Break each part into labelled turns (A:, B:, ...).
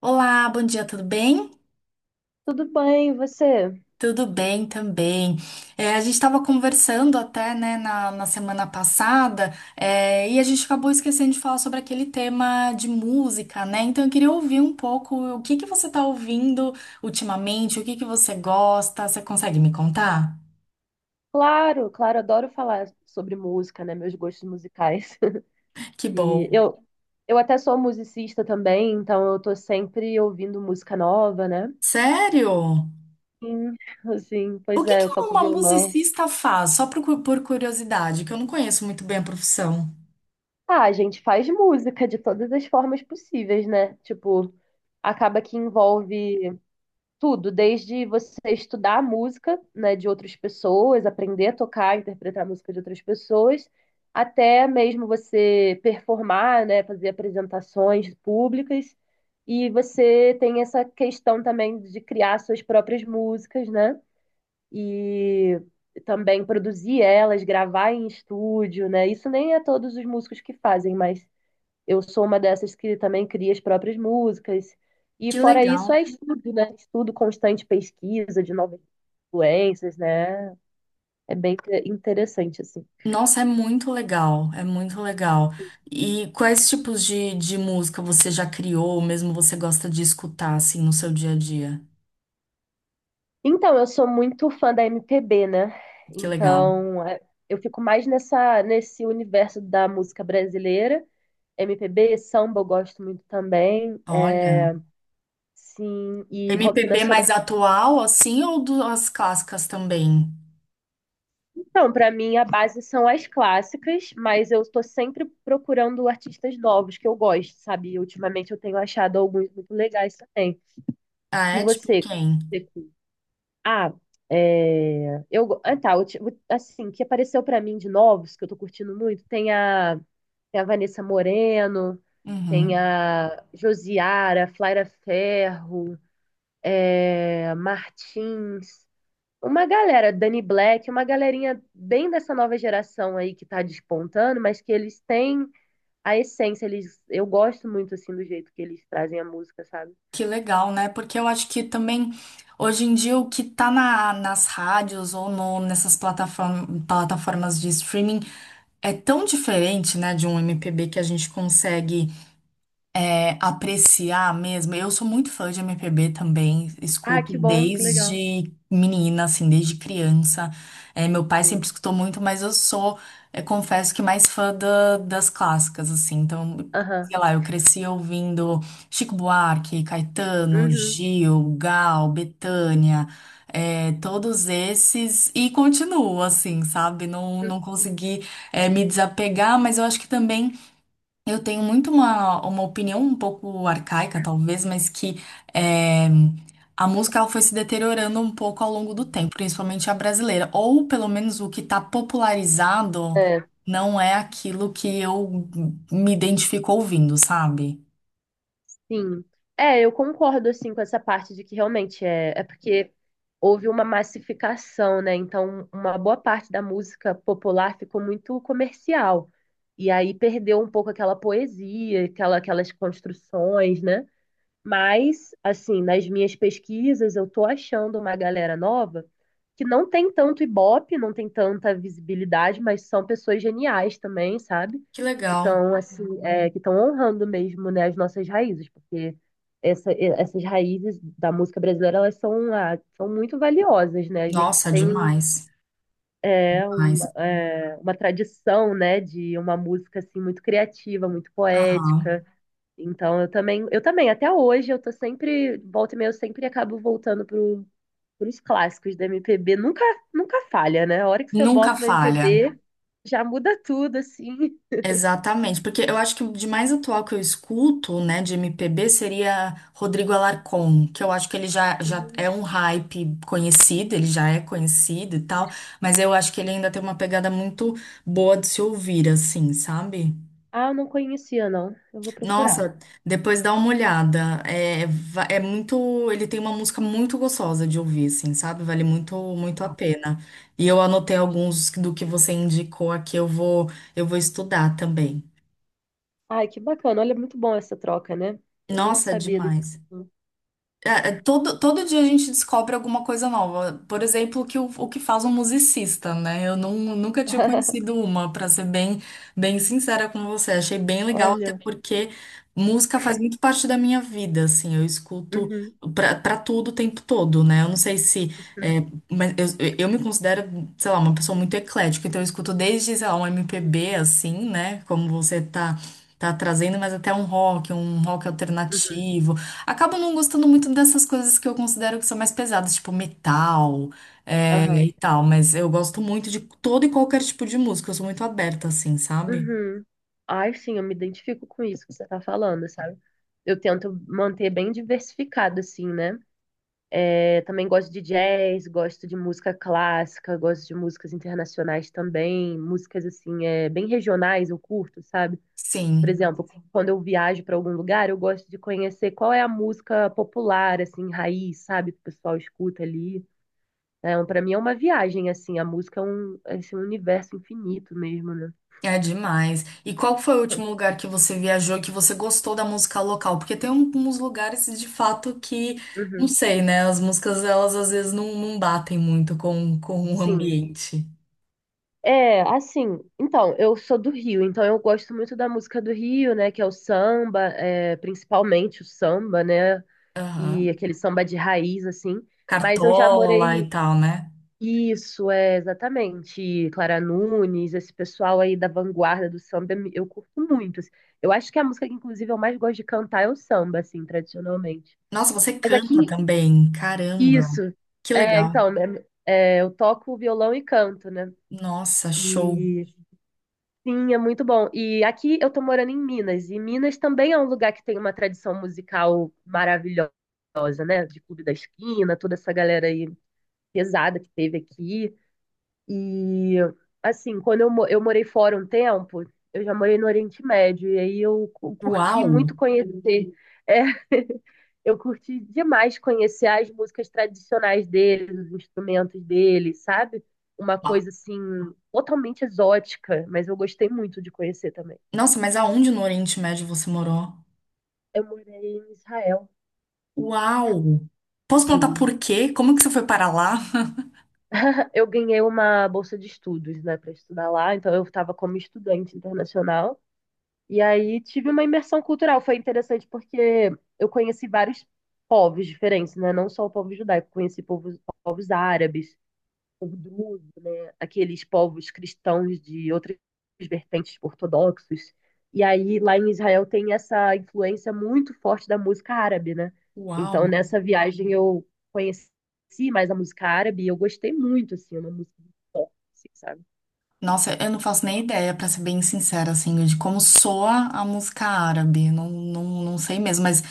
A: Olá, bom dia, tudo bem?
B: Tudo bem, e você?
A: Tudo bem também. A gente estava conversando até, né, na semana passada, e a gente acabou esquecendo de falar sobre aquele tema de música, né? Então eu queria ouvir um pouco o que que você está ouvindo ultimamente, o que que você gosta, você consegue me contar?
B: Claro, claro, adoro falar sobre música, né? Meus gostos musicais.
A: Que
B: E
A: bom.
B: eu, eu até sou musicista também, então eu tô sempre ouvindo música nova, né?
A: Sério?
B: Sim, assim,
A: O
B: pois
A: que
B: é,
A: que
B: eu toco
A: uma
B: violão.
A: musicista faz? Por curiosidade, que eu não conheço muito bem a profissão.
B: Ah, a gente faz música de todas as formas possíveis, né? Tipo, acaba que envolve. Tudo, desde você estudar a música, né, de outras pessoas, aprender a tocar, interpretar a música de outras pessoas, até mesmo você performar, né, fazer apresentações públicas. E você tem essa questão também de criar suas próprias músicas, né? E também produzir elas, gravar em estúdio, né? Isso nem é todos os músicos que fazem, mas eu sou uma dessas que também cria as próprias músicas. E
A: Que
B: fora isso,
A: legal.
B: é estudo, né? Estudo constante, pesquisa de novas influências, né? É bem interessante, assim.
A: Nossa, é muito legal, é muito legal. E quais tipos de música você já criou, ou mesmo você gosta de escutar, assim, no seu dia a dia?
B: Então, eu sou muito fã da MPB, né?
A: Que legal.
B: Então, é, eu fico mais nesse universo da música brasileira. MPB, samba eu gosto muito também.
A: Olha,
B: É, sim, e rock
A: MPB
B: nacional.
A: mais atual, assim, ou das clássicas também?
B: Então, para mim, a base são as clássicas, mas eu estou sempre procurando artistas novos que eu gosto, sabe? E ultimamente eu tenho achado alguns muito legais também.
A: Ah,
B: E
A: é? Tipo
B: você?
A: quem?
B: Você curte? Ah, é... eu go- ah, tá, ulti- assim, que apareceu para mim de novos, que eu tô curtindo muito, tem a Vanessa Moreno, tem
A: Uhum.
B: a Josiara, Flaira Ferro, é... Martins. Uma galera, Danny Black, uma galerinha bem dessa nova geração aí que tá despontando, mas que eles têm a essência, eles, eu gosto muito assim do jeito que eles trazem a música, sabe?
A: Que legal, né? Porque eu acho que também, hoje em dia, o que tá na, nas rádios ou no, plataformas de streaming é tão diferente, né, de um MPB que a gente consegue apreciar mesmo. Eu sou muito fã de MPB também,
B: Ah,
A: escuto
B: que bom, que legal.
A: desde menina, assim, desde criança. É, meu pai sempre
B: Sim.
A: escutou muito, mas confesso que mais fã das clássicas, assim. Então, sei
B: Aham.
A: lá, eu cresci ouvindo Chico Buarque, Caetano,
B: Uhum.
A: Gil, Gal, Bethânia, é, todos esses, e continuo, assim, sabe? Não, consegui, me desapegar, mas eu acho que também eu tenho muito uma opinião um pouco arcaica, talvez, mas que é, a música ela foi se deteriorando um pouco ao longo do
B: Uhum.
A: tempo, principalmente a brasileira. Ou pelo menos o que está popularizado
B: É.
A: não é aquilo que eu me identifico ouvindo, sabe?
B: Sim. É, eu concordo assim com essa parte de que realmente é porque houve uma massificação, né? Então, uma boa parte da música popular ficou muito comercial. E aí perdeu um pouco aquela poesia, aquelas construções, né? Mas, assim, nas minhas pesquisas, eu tô achando uma galera nova que não tem tanto ibope, não tem tanta visibilidade, mas são pessoas geniais também, sabe?
A: Que
B: Que
A: legal.
B: estão, assim, é, que estão honrando mesmo, né, as nossas raízes, porque essas raízes da música brasileira, elas são, ah, são muito valiosas, né? A gente
A: Nossa,
B: tem
A: demais. Demais.
B: uma tradição, né, de uma música, assim, muito criativa, muito
A: Aham.
B: poética, então eu também, até hoje eu tô sempre, volta e meia, eu sempre acabo voltando pro, pros clássicos da MPB. Nunca falha, né? A hora que você
A: Nunca
B: bota uma
A: falha.
B: MPB, já muda tudo, assim.
A: Exatamente, porque eu acho que o de mais atual que eu escuto, né, de MPB seria Rodrigo Alarcon, que eu acho que ele já
B: Hum.
A: é um hype conhecido, ele já é conhecido e tal, mas eu acho que ele ainda tem uma pegada muito boa de se ouvir, assim, sabe?
B: Ah, eu não conhecia, não. Eu vou procurar.
A: Nossa, depois dá uma olhada, é muito, ele tem uma música muito gostosa de ouvir, assim, sabe? Vale muito, muito a pena. E eu anotei alguns do que você indicou aqui, eu vou estudar também.
B: Ai, que bacana. Olha, muito bom essa troca, né? Eu nem
A: Nossa, é
B: sabia desse.
A: demais. Todo dia a gente descobre alguma coisa nova. Por exemplo, que, o que faz um musicista, né? Eu não, Nunca tinha conhecido uma, para ser bem sincera com você. Achei bem legal, até
B: Olha.
A: porque música faz muito parte da minha vida, assim. Eu escuto
B: Uhum,
A: pra tudo o tempo todo, né? Eu não sei se. É, mas eu me considero, sei lá, uma pessoa muito eclética. Então eu escuto desde, sei lá, um MPB, assim, né? Como você tá. Tá trazendo, mas até um rock
B: uhum,
A: alternativo. Acabo não gostando muito dessas coisas que eu considero que são mais pesadas, tipo metal, é,
B: aham,
A: e tal, mas eu gosto muito de todo e qualquer tipo de música, eu sou muito aberta, assim, sabe?
B: uhum. Ai, sim, eu me identifico com isso que você tá falando, sabe? Eu tento manter bem diversificado, assim, né? É, também gosto de jazz, gosto de música clássica, gosto de músicas internacionais também, músicas assim, é, bem regionais eu curto, sabe? Por
A: Sim,
B: exemplo, quando eu viajo para algum lugar, eu gosto de conhecer qual é a música popular, assim, raiz, sabe? Que o pessoal escuta ali. É, para mim é uma viagem, assim, a música é um, é, assim, um universo infinito mesmo, né?
A: é demais. E qual foi o último lugar que você viajou que você gostou da música local? Porque tem alguns lugares de fato que, não
B: Uhum,
A: sei, né? As músicas elas às vezes não, não batem muito com o
B: sim.
A: ambiente.
B: É, assim, então, eu sou do Rio, então eu gosto muito da música do Rio, né, que é o samba, é, principalmente o samba, né, e
A: Aham.
B: aquele samba de raiz, assim, mas eu já
A: Cartola e
B: morei,
A: tal, né?
B: isso, é, exatamente, Clara Nunes, esse pessoal aí da vanguarda do samba, eu curto muito, assim. Eu acho que a música que, inclusive, eu mais gosto de cantar é o samba, assim, tradicionalmente.
A: Nossa, você
B: Mas aqui,
A: canta também. Caramba,
B: isso,
A: que
B: é,
A: legal.
B: então, é, eu toco violão e canto, né,
A: Nossa, show.
B: e... Sim, é muito bom. E aqui eu tô morando em Minas, e Minas também é um lugar que tem uma tradição musical maravilhosa, né? De Clube da Esquina, toda essa galera aí pesada que teve aqui. E assim, eu morei fora um tempo, eu já morei no Oriente Médio, e aí eu curti
A: Uau!
B: muito conhecer. É, eu curti demais conhecer as músicas tradicionais deles, os instrumentos deles, sabe? Uma
A: Ah,
B: coisa assim totalmente exótica, mas eu gostei muito de conhecer também.
A: nossa, mas aonde no Oriente Médio você morou?
B: Eu morei em Israel.
A: Uau! Posso contar
B: Sim.
A: por quê? Como que você foi para lá?
B: Eu ganhei uma bolsa de estudos, né, para estudar lá, então eu estava como estudante internacional. E aí tive uma imersão cultural, foi interessante porque eu conheci vários povos diferentes, né? Não só o povo judaico, povos árabes, povo druso, né? Aqueles povos cristãos de outras vertentes ortodoxos. E aí lá em Israel tem essa influência muito forte da música árabe, né?
A: Uau!
B: Então nessa viagem eu conheci mais a música árabe e eu gostei muito, assim, é uma música muito forte, assim, sabe?
A: Nossa, eu não faço nem ideia, pra ser bem sincera, assim, de como soa a música árabe. Não, sei mesmo, mas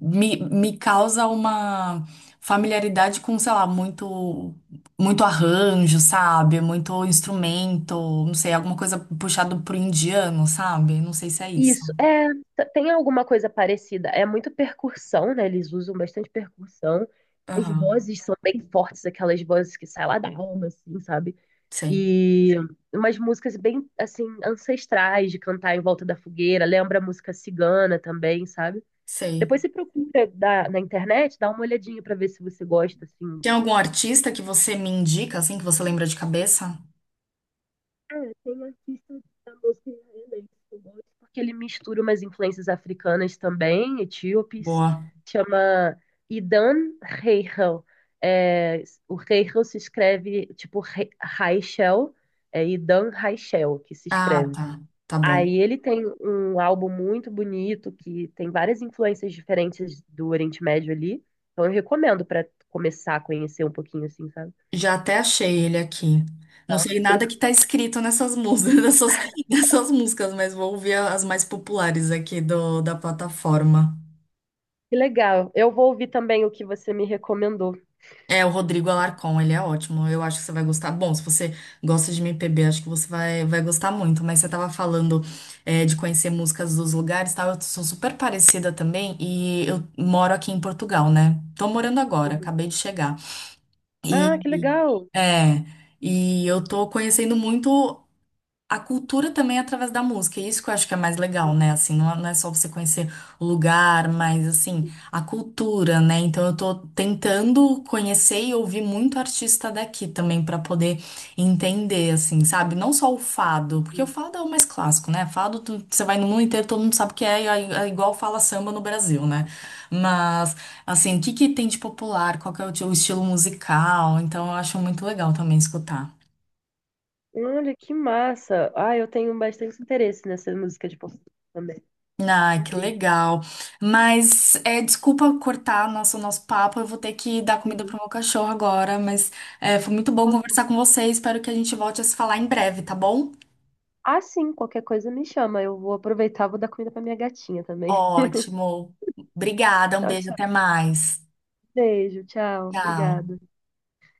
A: me causa uma familiaridade com, sei lá, muito, muito arranjo, sabe? Muito instrumento, não sei, alguma coisa puxado pro indiano, sabe? Não sei se é isso.
B: Isso, é, tem alguma coisa parecida. É muito percussão, né? Eles usam bastante percussão. As
A: Aham.
B: vozes são bem fortes, aquelas vozes que saem lá da alma, assim, sabe?
A: Sei,
B: E umas músicas bem, assim, ancestrais de cantar em volta da fogueira. Lembra a música cigana também, sabe?
A: sei.
B: Depois você procura na internet, dá uma olhadinha pra ver se você gosta, assim. Um
A: Tem
B: pouco.
A: algum artista que você me indica, assim, que você lembra de cabeça?
B: É, tem um artista da música israelense que eu gosto, porque ele mistura umas influências africanas também, etíopes.
A: Boa.
B: Chama Idan Reichel. É, o Reichel se escreve, tipo, Raichel. É Idan Raichel que se
A: Ah,
B: escreve.
A: tá. Tá bom.
B: Aí ele tem um álbum muito bonito que tem várias influências diferentes do Oriente Médio ali. Então eu recomendo para começar a conhecer um pouquinho assim, sabe?
A: Já até achei ele aqui. Não
B: Tá.
A: sei nada que tá escrito nessas músicas, nessas músicas, mas vou ouvir as mais populares aqui do, da plataforma.
B: Que legal. Eu vou ouvir também o que você me recomendou.
A: É, o Rodrigo Alarcon, ele é ótimo. Eu acho que você vai gostar. Bom, se você gosta de MPB, acho que você vai gostar muito. Mas você tava falando, é, de conhecer músicas dos lugares, e tal. Eu sou super parecida também e eu moro aqui em Portugal, né? Tô morando agora,
B: Uhum.
A: acabei de chegar.
B: Ah, que
A: E,
B: legal.
A: é, e eu tô conhecendo muito. A cultura também é através da música, é isso que eu acho que é mais legal, né? Assim, não é só você conhecer o lugar, mas assim, a cultura, né? Então eu tô tentando conhecer e ouvir muito artista daqui também pra poder entender, assim, sabe? Não só o fado, porque o
B: Uhum.
A: fado é o mais clássico, né? Fado, você vai no mundo inteiro, todo mundo sabe o que é, é igual fala samba no Brasil, né? Mas, assim, o que que tem de popular? Qual que é o teu estilo musical? Então eu acho muito legal também escutar.
B: Olha, que massa. Ah, eu tenho bastante interesse nessa música de português também.
A: Ah, que
B: Incrível.
A: legal. Mas é, desculpa cortar nosso papo, eu vou ter que dar comida pro
B: Uhum.
A: meu cachorro agora, mas é, foi muito bom conversar com você, espero que a gente volte a se falar em breve, tá bom?
B: Ah, sim, qualquer coisa me chama. Eu vou aproveitar, vou dar comida pra minha gatinha também.
A: Ótimo. Obrigada, um
B: Tchau,
A: beijo,
B: tchau.
A: até mais.
B: Beijo, tchau.
A: Tchau.
B: Obrigada.